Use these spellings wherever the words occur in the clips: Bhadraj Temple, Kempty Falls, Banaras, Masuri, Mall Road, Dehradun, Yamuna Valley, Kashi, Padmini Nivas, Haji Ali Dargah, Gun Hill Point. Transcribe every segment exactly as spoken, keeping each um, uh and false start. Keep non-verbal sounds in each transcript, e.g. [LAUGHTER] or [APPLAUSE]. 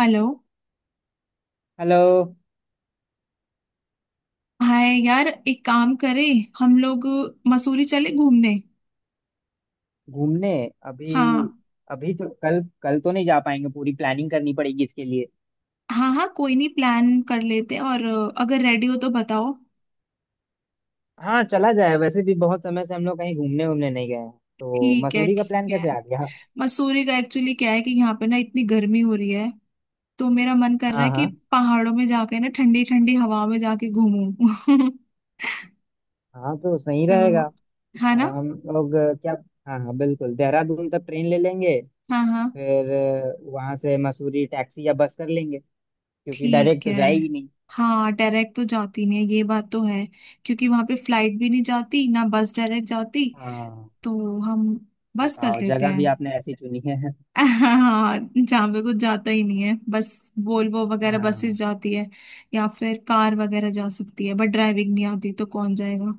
Hello. Hello. Hi यार, एक काम करें हम लोग। मसूरी चले घूमने। घूमने? अभी? हाँ। अभी तो कल कल तो नहीं जा पाएंगे, पूरी प्लानिंग करनी पड़ेगी इसके लिए। हाँ हाँ, कोई नहीं, प्लान कर लेते हैं। और अ, अगर रेडी हो तो बताओ। हाँ चला जाए, वैसे भी बहुत समय से हम लोग कहीं घूमने घूमने नहीं गए हैं। तो ठीक है मसूरी का प्लान ठीक है। कैसे आ गया? मसूरी का एक्चुअली क्या है कि यहाँ पे ना इतनी गर्मी हो रही है, तो मेरा मन कर रहा हाँ है कि हाँ। पहाड़ों में जाके ना ठंडी ठंडी हवा में जाके घूमूं। [LAUGHS] हाँ तो सही तो। रहेगा। है अ, ना। हम लोग अ, क्या। हाँ हाँ, बिल्कुल देहरादून तक ट्रेन ले लेंगे, हाँ हाँ फिर अ, वहाँ से मसूरी टैक्सी या बस कर लेंगे, क्योंकि डायरेक्ट ठीक तो है। जाएगी नहीं। हाँ, डायरेक्ट तो जाती नहीं है, ये बात तो है। क्योंकि वहां पे फ्लाइट भी नहीं जाती ना, बस डायरेक्ट जाती। हाँ। तो हम बस कर बताओ, लेते जगह हैं। भी आपने ऐसी चुनी है। [LAUGHS] हाँ, जहाँ पे कुछ जाता ही नहीं है, बस वोल्वो वगैरह बसेस हाँ जाती है। या फिर कार वगैरह जा सकती है, बट ड्राइविंग नहीं आती तो कौन जाएगा।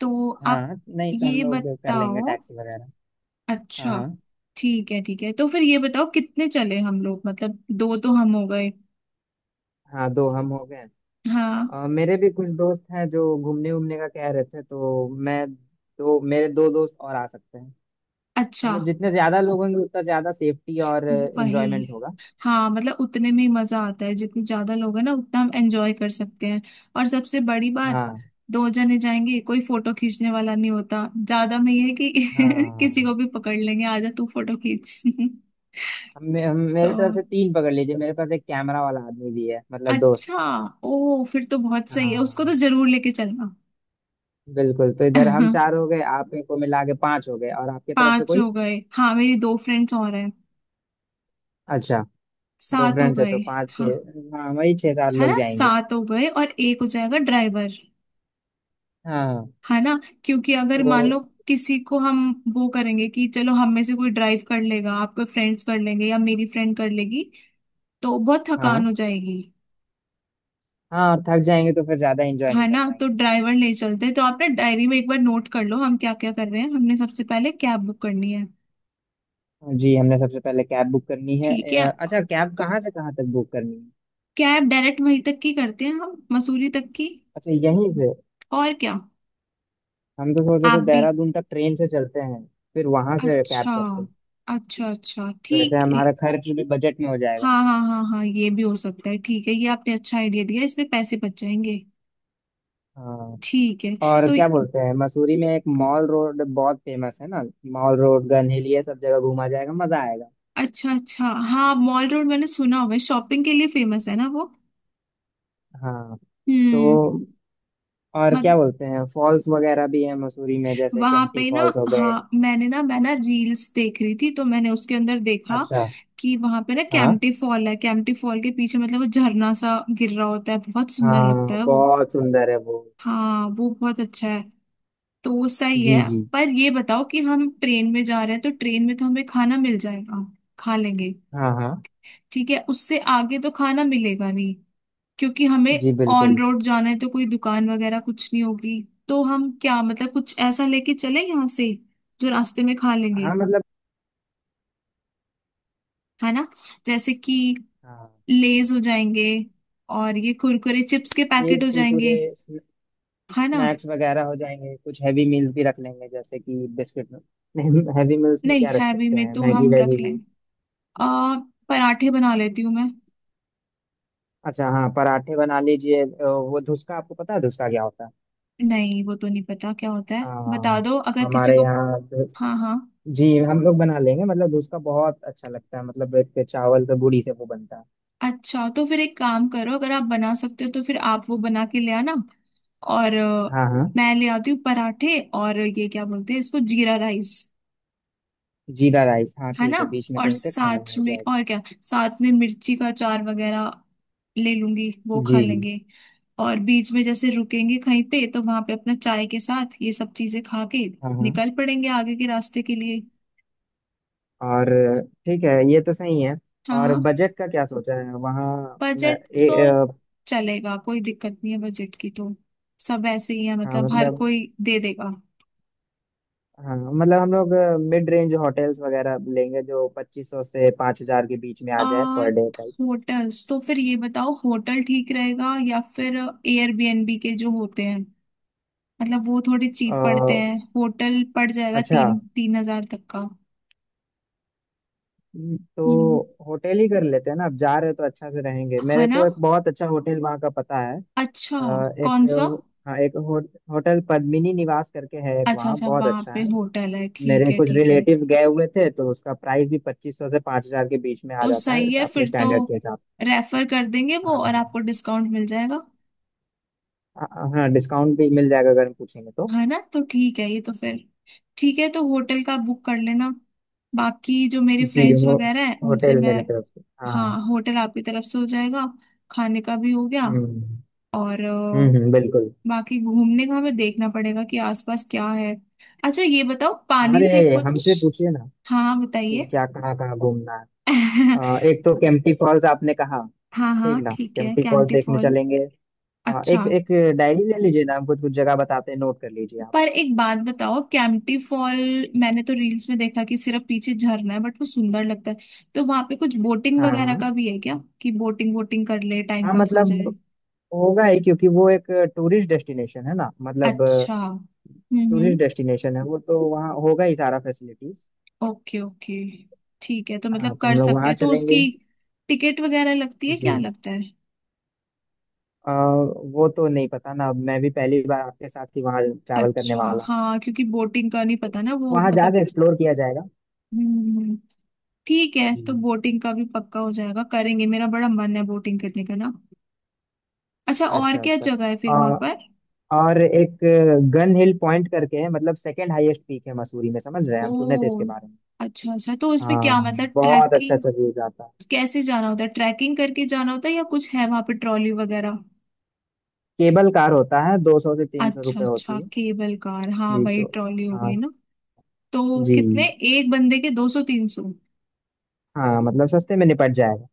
तो आप हाँ, नहीं तो हम ये लोग कर लेंगे बताओ। टैक्सी वगैरह। हाँ अच्छा, हाँ। ठीक है ठीक है। तो फिर ये बताओ, कितने चले हम लोग? मतलब दो तो हम हो गए। हाँ, दो हम हो गए। हाँ। अ, मेरे भी कुछ दोस्त हैं जो घूमने घूमने का कह रहे थे, तो मैं दो मेरे दो दोस्त और आ सकते हैं। अच्छा। मतलब जितने ज्यादा लोग होंगे, उतना ज्यादा सेफ्टी और वही। एंजॉयमेंट होगा। हाँ, मतलब उतने में ही मजा आता है, जितने ज्यादा लोग हैं ना उतना हम एंजॉय कर सकते हैं। और सबसे बड़ी बात। हाँ दो जने जाएंगे कोई फोटो खींचने वाला नहीं होता, ज्यादा में ये है कि [LAUGHS] किसी हाँ। को भी पकड़ लेंगे, आजा तू फोटो खींच। [LAUGHS] हम, मे- हम तो। मेरे तरफ से तीन पकड़ लीजिए, मेरे पास एक कैमरा वाला आदमी भी है, मतलब दोस्त। अच्छा। ओ, फिर तो बहुत सही है, उसको हाँ तो जरूर लेके चलना। बिल्कुल, तो इधर हम चार [LAUGHS] हो गए, आप को मिला के पांच हो गए, और आपकी तरफ से पांच कोई? हो गए। हाँ, मेरी दो फ्रेंड्स और हैं। अच्छा, दो सात हो फ्रेंड्स है गए। तो पांच हाँ। छह, हाँ वही छह सात है लोग ना, जाएंगे। सात हो गए और एक हो जाएगा ड्राइवर। हाँ है ना। क्योंकि अगर तो। मान लो किसी को हम, वो करेंगे कि चलो हम में से कोई ड्राइव कर लेगा, आपके फ्रेंड्स कर लेंगे या मेरी फ्रेंड कर लेगी, तो बहुत थकान हाँ हो जाएगी। हाँ, थक जाएंगे तो फिर ज्यादा एंजॉय है नहीं कर ना, तो पाएंगे। ड्राइवर ले चलते। तो आप ना डायरी में एक बार नोट कर लो हम क्या क्या कर रहे हैं। हमने सबसे पहले कैब बुक करनी है। तो जी, हमने सबसे पहले कैब बुक करनी है। ठीक है। अ, अच्छा, कैब कहाँ से कहाँ तक बुक करनी है? कैब डायरेक्ट वहीं तक की करते हैं हम, मसूरी तक की। अच्छा, यहीं से? और क्या? हम तो सोच रहे आप थे भी? देहरादून तक ट्रेन से चलते हैं, फिर वहां से कैब अच्छा करते हैं। अच्छा अच्छा, तो ऐसे ठीक। हमारा खर्च भी बजट में हो जाएगा। हाँ हाँ हाँ हाँ, ये भी हो सकता है। ठीक है, ये आपने अच्छा आइडिया दिया, इसमें पैसे बच जाएंगे। हाँ। ठीक है और तो। क्या बोलते हैं, मसूरी में एक मॉल रोड बहुत फेमस है ना। मॉल रोड, गन हिल, ये सब जगह घूमा जाएगा, मजा आएगा। अच्छा अच्छा। हाँ, मॉल रोड मैंने सुना हुआ है, शॉपिंग के लिए फेमस है ना वो। हाँ हम्म। तो। और क्या मतलब बोलते हैं, फॉल्स वगैरह भी है मसूरी में, जैसे वहां केम्प्टी पे ना। फॉल्स हो हाँ, गए। मैंने ना, मैं ना रील्स देख रही थी तो मैंने उसके अंदर देखा अच्छा। कि वहां पे ना हाँ कैंपटी फॉल है, कैंपटी फॉल के पीछे मतलब वो झरना सा गिर रहा होता है, बहुत सुंदर लगता हाँ, है वो। बहुत सुंदर है वो। हाँ, वो बहुत अच्छा है। तो वो सही जी है, जी। पर ये बताओ कि हम ट्रेन में जा रहे हैं तो ट्रेन में तो हमें खाना मिल जाएगा, खा लेंगे। हाँ हाँ। ठीक है, उससे आगे तो खाना मिलेगा नहीं। क्योंकि हमें जी ऑन बिल्कुल। रोड जाना है तो कोई दुकान वगैरह कुछ नहीं होगी। तो हम क्या, मतलब कुछ ऐसा लेके चले यहाँ से जो रास्ते में खा लेंगे। हाँ मतलब। है ना। जैसे कि हाँ। लेज हो जाएंगे और ये कुरकुरे चिप्स के पैकेट लेज हो जाएंगे। कुरकुरे स्न- है ना। स्नैक्स वगैरह हो जाएंगे, कुछ हैवी मील्स भी रख लेंगे, जैसे कि बिस्किट। हैवी मील्स में नहीं, क्या रख हैवी सकते में हैं, तो मैगी हम वैगी रख लें। भी? आ पराठे बना लेती हूँ मैं। अच्छा हाँ, पराठे बना लीजिए। अ, वो धुसका आपको पता है, धुसका क्या होता है? नहीं, वो तो नहीं पता क्या होता है, आ, बता दो अगर किसी हमारे को। यहाँ धुस- हाँ हाँ। जी हम लोग बना लेंगे, मतलब धुसका बहुत अच्छा लगता है, मतलब एक चावल के बूड़ी से वो बनता है। अच्छा, तो फिर एक काम करो, अगर आप बना सकते हो तो फिर आप वो बना के ले आना। और अ, हाँ हाँ। मैं ले आती हूँ पराठे और ये क्या बोलते हैं इसको, जीरा राइस। जीरा राइस, हाँ है ना। ठीक है, बीच में और कहीं पे खाया हुआ साथ है। में और क्या, साथ में मिर्ची का अचार वगैरह ले लूंगी, वो जी। खा लेंगे। और बीच में जैसे रुकेंगे कहीं पे तो वहां पे अपना चाय के साथ ये सब चीजें खा के हाँ हाँ। निकल पड़ेंगे आगे के रास्ते के लिए। और। ठीक है, ये तो सही है। और हाँ, बजट का क्या सोचा है वहाँ न- बजट ए, तो अ, चलेगा, कोई दिक्कत नहीं है बजट की तो। सब ऐसे ही है, हाँ मतलब हर मतलब। कोई दे देगा। हाँ मतलब हम लोग मिड रेंज होटल्स वगैरह लेंगे, जो पच्चीस सौ से पाँच हजार के बीच में आ जाए आ, पर डे टाइप। होटल्स, तो फिर ये बताओ होटल ठीक रहेगा या फिर एयरबीएनबी के जो होते हैं, मतलब वो थोड़े अ, चीप पड़ते हैं। होटल पड़ जाएगा अच्छा। तीन तीन हजार तक का। हम्म, हम्म। तो होटल ही कर लेते हैं ना, अब जा रहे हैं तो अच्छा से रहेंगे, है मेरे ना। को एक बहुत अच्छा होटल वहाँ का पता है। अच्छा। अ, एक। कौन सा? हाँ, एक हो, होटल पद्मिनी निवास करके है एक, अच्छा वहाँ अच्छा, बहुत वहां अच्छा पे है। होटल है। ठीक मेरे है कुछ ठीक है। रिलेटिव्स गए हुए थे, तो उसका प्राइस भी पच्चीस सौ से पाँच हजार के बीच में आ तो जाता है, सही है अपने फिर तो, स्टैंडर्ड के हिसाब। रेफर कर देंगे वो और हाँ आपको डिस्काउंट मिल जाएगा। हाँ, हाँ डिस्काउंट भी मिल जाएगा अगर हम पूछेंगे तो। है ना, तो ठीक है, ये तो फिर। ठीक है, तो होटल का बुक कर लेना। बाकी जो मेरे जी फ्रेंड्स हो, वगैरह हैं उनसे होटल मैं। मेरे तरफ से हाँ, हाँ। होटल आपकी तरफ से हो जाएगा। खाने का भी हो गया। हम्म और हम्म। हम्म, अ, बिल्कुल। बाकी घूमने का हमें देखना पड़ेगा कि आसपास क्या है। अच्छा, ये बताओ पानी अरे, से कुछ। हमसे पूछिए ना हाँ कि बताइए। क्या कहाँ कहाँ घूमना है। [LAUGHS] अ, एक तो केम्प्टी फॉल्स आपने कहा। हाँ ठीक हाँ ना, ठीक है, केम्प्टी फॉल्स कैंटी देखने फॉल। चलेंगे। अ, अच्छा, एक एक डायरी ले लीजिए ना, हम कुछ कुछ जगह बताते हैं, नोट कर लीजिए आप। पर एक बात बताओ, कैंटी फॉल मैंने तो रील्स में देखा कि सिर्फ पीछे झरना है, बट वो सुंदर लगता है। तो वहां पे कुछ बोटिंग हाँ वगैरह हाँ। का भी है क्या, कि बोटिंग वोटिंग कर ले टाइम हाँ पास हो जाए? मतलब, होगा ही क्योंकि वो एक टूरिस्ट डेस्टिनेशन है ना, मतलब अच्छा। हम्म हम्म। टूरिस्ट डेस्टिनेशन है वो, तो वहाँ होगा ही सारा फैसिलिटीज। ओके ओके, ठीक है, तो हाँ मतलब तो कर हम लोग सकते वहाँ हैं तो उसकी चलेंगे। टिकट वगैरह लगती है जी। क्या, लगता है? अ, वो तो नहीं पता ना, अब मैं भी पहली बार आपके साथ ही वहाँ ट्रैवल करने अच्छा। वाला हूँ। हाँ, क्योंकि बोटिंग का नहीं तो पता ना वो, वहाँ मतलब। जाकर एक्सप्लोर किया जाएगा। हम्म। ठीक है, जी। तो बोटिंग का भी पक्का हो जाएगा, करेंगे, मेरा बड़ा मन है बोटिंग करने का ना। अच्छा, और अच्छा क्या अच्छा। जगह है फिर वहां अ, पर? और एक गन हिल पॉइंट करके है, मतलब सेकंड हाईएस्ट पीक है मसूरी में, समझ रहे हैं, हम सुने थे इसके ओ, बारे में। अच्छा अच्छा, तो उसमें हाँ क्या मतलब, बहुत अच्छा, ट्रैकिंग? अच्छा व्यूज आता है। कैसे जाना होता है, ट्रैकिंग करके जाना होता है या कुछ है वहां पे, ट्रॉली वगैरह? केबल कार होता है, दो सौ से तीन सौ अच्छा रुपये अच्छा, होती है। केबल कार, हाँ जी भाई तो। ट्रॉली हो गई हाँ। ना। तो जी। कितने? एक बंदे के दो सौ तीन सौ? हाँ मतलब सस्ते में निपट जाएगा।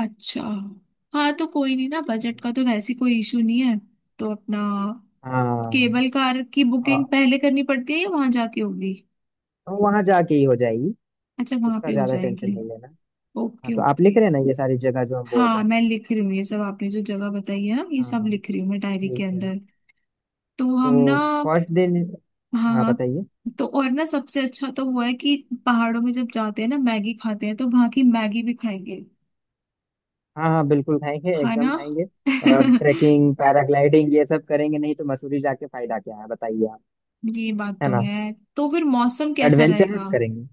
अच्छा। हाँ, तो कोई नहीं ना, बजट का तो वैसे कोई इशू नहीं है। तो अपना हाँ। केबल कार की बुकिंग आ, पहले करनी पड़ती है या वहां जाके होगी? तो वहां जाके ही हो जाएगी। अच्छा, वहां उसका पे हो ज्यादा जाएगी। टेंशन नहीं लेना। हाँ ओके तो आप ओके। लिख रहे हैं ना ये सारी जगह जो हम बोल हाँ, रहे हैं। मैं लिख रही हूँ, ये सब आपने जो जगह बताई है ना ये सब हाँ लिख रही हूँ मैं डायरी के ठीक है। अंदर। तो हम ना। तो फर्स्ट दिन। हाँ हाँ, बताइए। तो और ना सबसे अच्छा तो हुआ है कि पहाड़ों में जब जाते हैं ना मैगी खाते हैं, तो वहां की मैगी भी खाएंगे। हाँ हाँ, बिल्कुल खाएंगे, है एकदम ना। खाएंगे। और [LAUGHS] ट्रैकिंग, पैराग्लाइडिंग ये सब करेंगे, नहीं तो मसूरी जाके फायदा क्या है, बताइए आप। ये बात है तो ना? है। तो फिर मौसम कैसा रहेगा? एडवेंचरस करेंगे।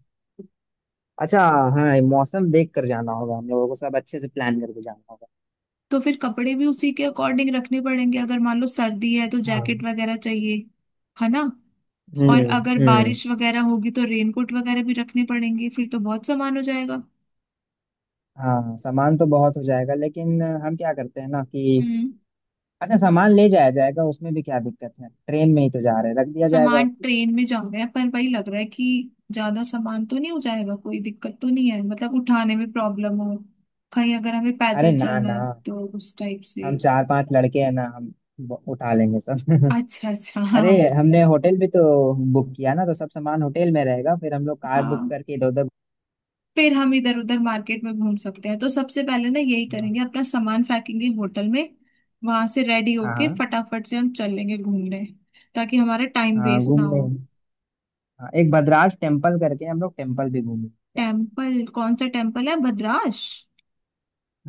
अच्छा। हाँ, ये मौसम देख कर जाना होगा हम लोगों को, सब अच्छे से प्लान करके जाना होगा। तो फिर कपड़े भी उसी के अकॉर्डिंग रखने पड़ेंगे, अगर मान लो सर्दी है तो जैकेट हाँ। वगैरह चाहिए। है ना। और हम्म अगर हम्म। बारिश वगैरह होगी तो रेनकोट वगैरह भी रखने पड़ेंगे, फिर तो बहुत सामान हो जाएगा। हाँ सामान तो बहुत हो जाएगा, लेकिन हम क्या करते हैं ना कि हम्म। अच्छा सामान ले जाया जाएगा, उसमें भी क्या दिक्कत है, ट्रेन में ही तो जा रहे हैं, रख दिया जाएगा। सामान ट्रेन में जा रहे हैं, पर वही लग रहा है कि ज्यादा सामान तो नहीं हो जाएगा, कोई दिक्कत तो नहीं है मतलब उठाने में प्रॉब्लम हो कहीं, अगर हमें अरे पैदल ना चलना ना, है तो उस टाइप से। हम चार पांच लड़के हैं ना, हम ब- उठा लेंगे सब। [LAUGHS] अच्छा अच्छा। [LAUGHS] अरे, हाँ हमने होटल भी तो बुक किया ना, तो सब सामान होटल में रहेगा, फिर हम लोग कार बुक हाँ। करके इधर उधर। फिर हम इधर उधर मार्केट में घूम सकते हैं, तो सबसे पहले ना यही हाँ करेंगे, अपना सामान फेंकेंगे होटल में। वहां से रेडी होके हाँ। फटाफट से हम चल लेंगे घूमने, ताकि हमारा टाइम हाँ वेस्ट ना घूम हो। लेंगे। हाँ, एक भद्राज टेम्पल करके, हम लोग टेम्पल भी घूमेंगे क्या? टेम्पल, कौन सा टेम्पल है भद्राश?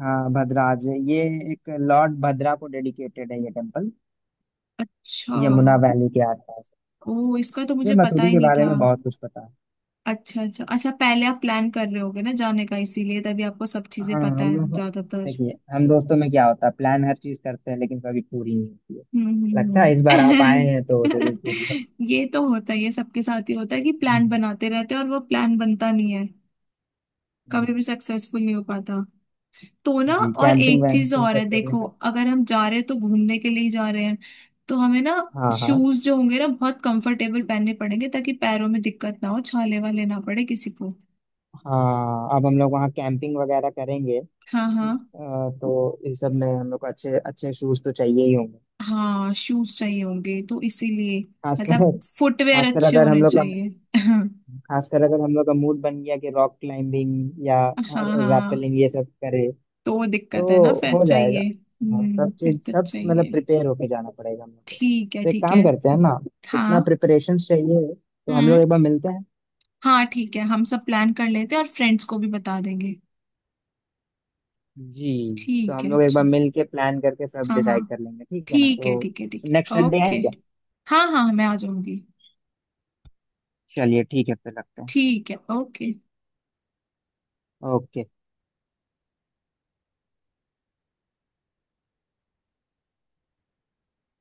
हाँ भद्राज, ये एक लॉर्ड भद्रा को डेडिकेटेड है ये टेम्पल, अच्छा। यमुना वैली के आसपास। ओ, इसका तो मुझे मुझे पता मसूरी ही के नहीं बारे था। में बहुत कुछ पता है। अच्छा अच्छा अच्छा, पहले आप प्लान कर रहे होगे ना जाने का, इसीलिए तभी आपको सब चीजें हाँ पता हम है लोग। ज्यादातर। देखिए, हम दोस्तों में क्या होता है, प्लान हर चीज करते हैं लेकिन कभी पूरी नहीं होती है। हम्म लगता हम्म, है इस बार आप आए हैं हम्म। तो जरूर पूरी हो। [LAUGHS] ये तो होता है, ये सबके साथ ही होता है कि प्लान हम्म, बनाते रहते हैं और वो प्लान बनता नहीं है। हम्म। कभी भी सक्सेसफुल नहीं हो पाता। तो ना, जी, और कैंपिंग एक चीज वैम्पिंग और है सब करने देखो, का। अगर हम जा रहे हैं तो घूमने के लिए ही जा रहे हैं। तो हमें ना हाँ हाँ। शूज जो होंगे ना बहुत कंफर्टेबल पहनने पड़ेंगे, ताकि पैरों में दिक्कत ना हो, छाले वाले ना पड़े किसी को। हाँ अब हम लोग वहाँ कैंपिंग वगैरह करेंगे। अ, हाँ हाँ। तो इस सब में हम लोग को अच्छे अच्छे शूज तो चाहिए ही होंगे, हाँ, शूज चाहिए होंगे, तो इसीलिए खासकर। मतलब फुटवेयर खासकर अच्छे अगर हम होने लोग का चाहिए। [LAUGHS] खासकर अगर हम लोग का मूड बन गया कि रॉक क्लाइंबिंग या हाँ हाँ, रैपलिंग ये सब करें, तो वो दिक्कत है ना, तो फिर हो जाएगा। चाहिए, हाँ हम्म, सब फिर चीज, तो सब मतलब चाहिए। प्रिपेयर होके जाना पड़ेगा हम लोग को, ठीक है तो एक ठीक है। काम करते हैं ना, हाँ। इतना प्रिपरेशन चाहिए तो हम लोग हम्म। एक बार मिलते हैं। हाँ ठीक है, हम सब प्लान कर लेते हैं और फ्रेंड्स को भी बता देंगे। जी। तो ठीक हम है लोग एक अच्छा। बार मिल के प्लान करके सब हाँ हाँ, डिसाइड कर लेंगे, ठीक है ना, ठीक तो है ठीक है ठीक नेक्स्ट है संडे ओके। आए क्या? हाँ हाँ, मैं आ जाऊंगी। चलिए ठीक है, फिर रखते हैं। ठीक है ओके। ओके।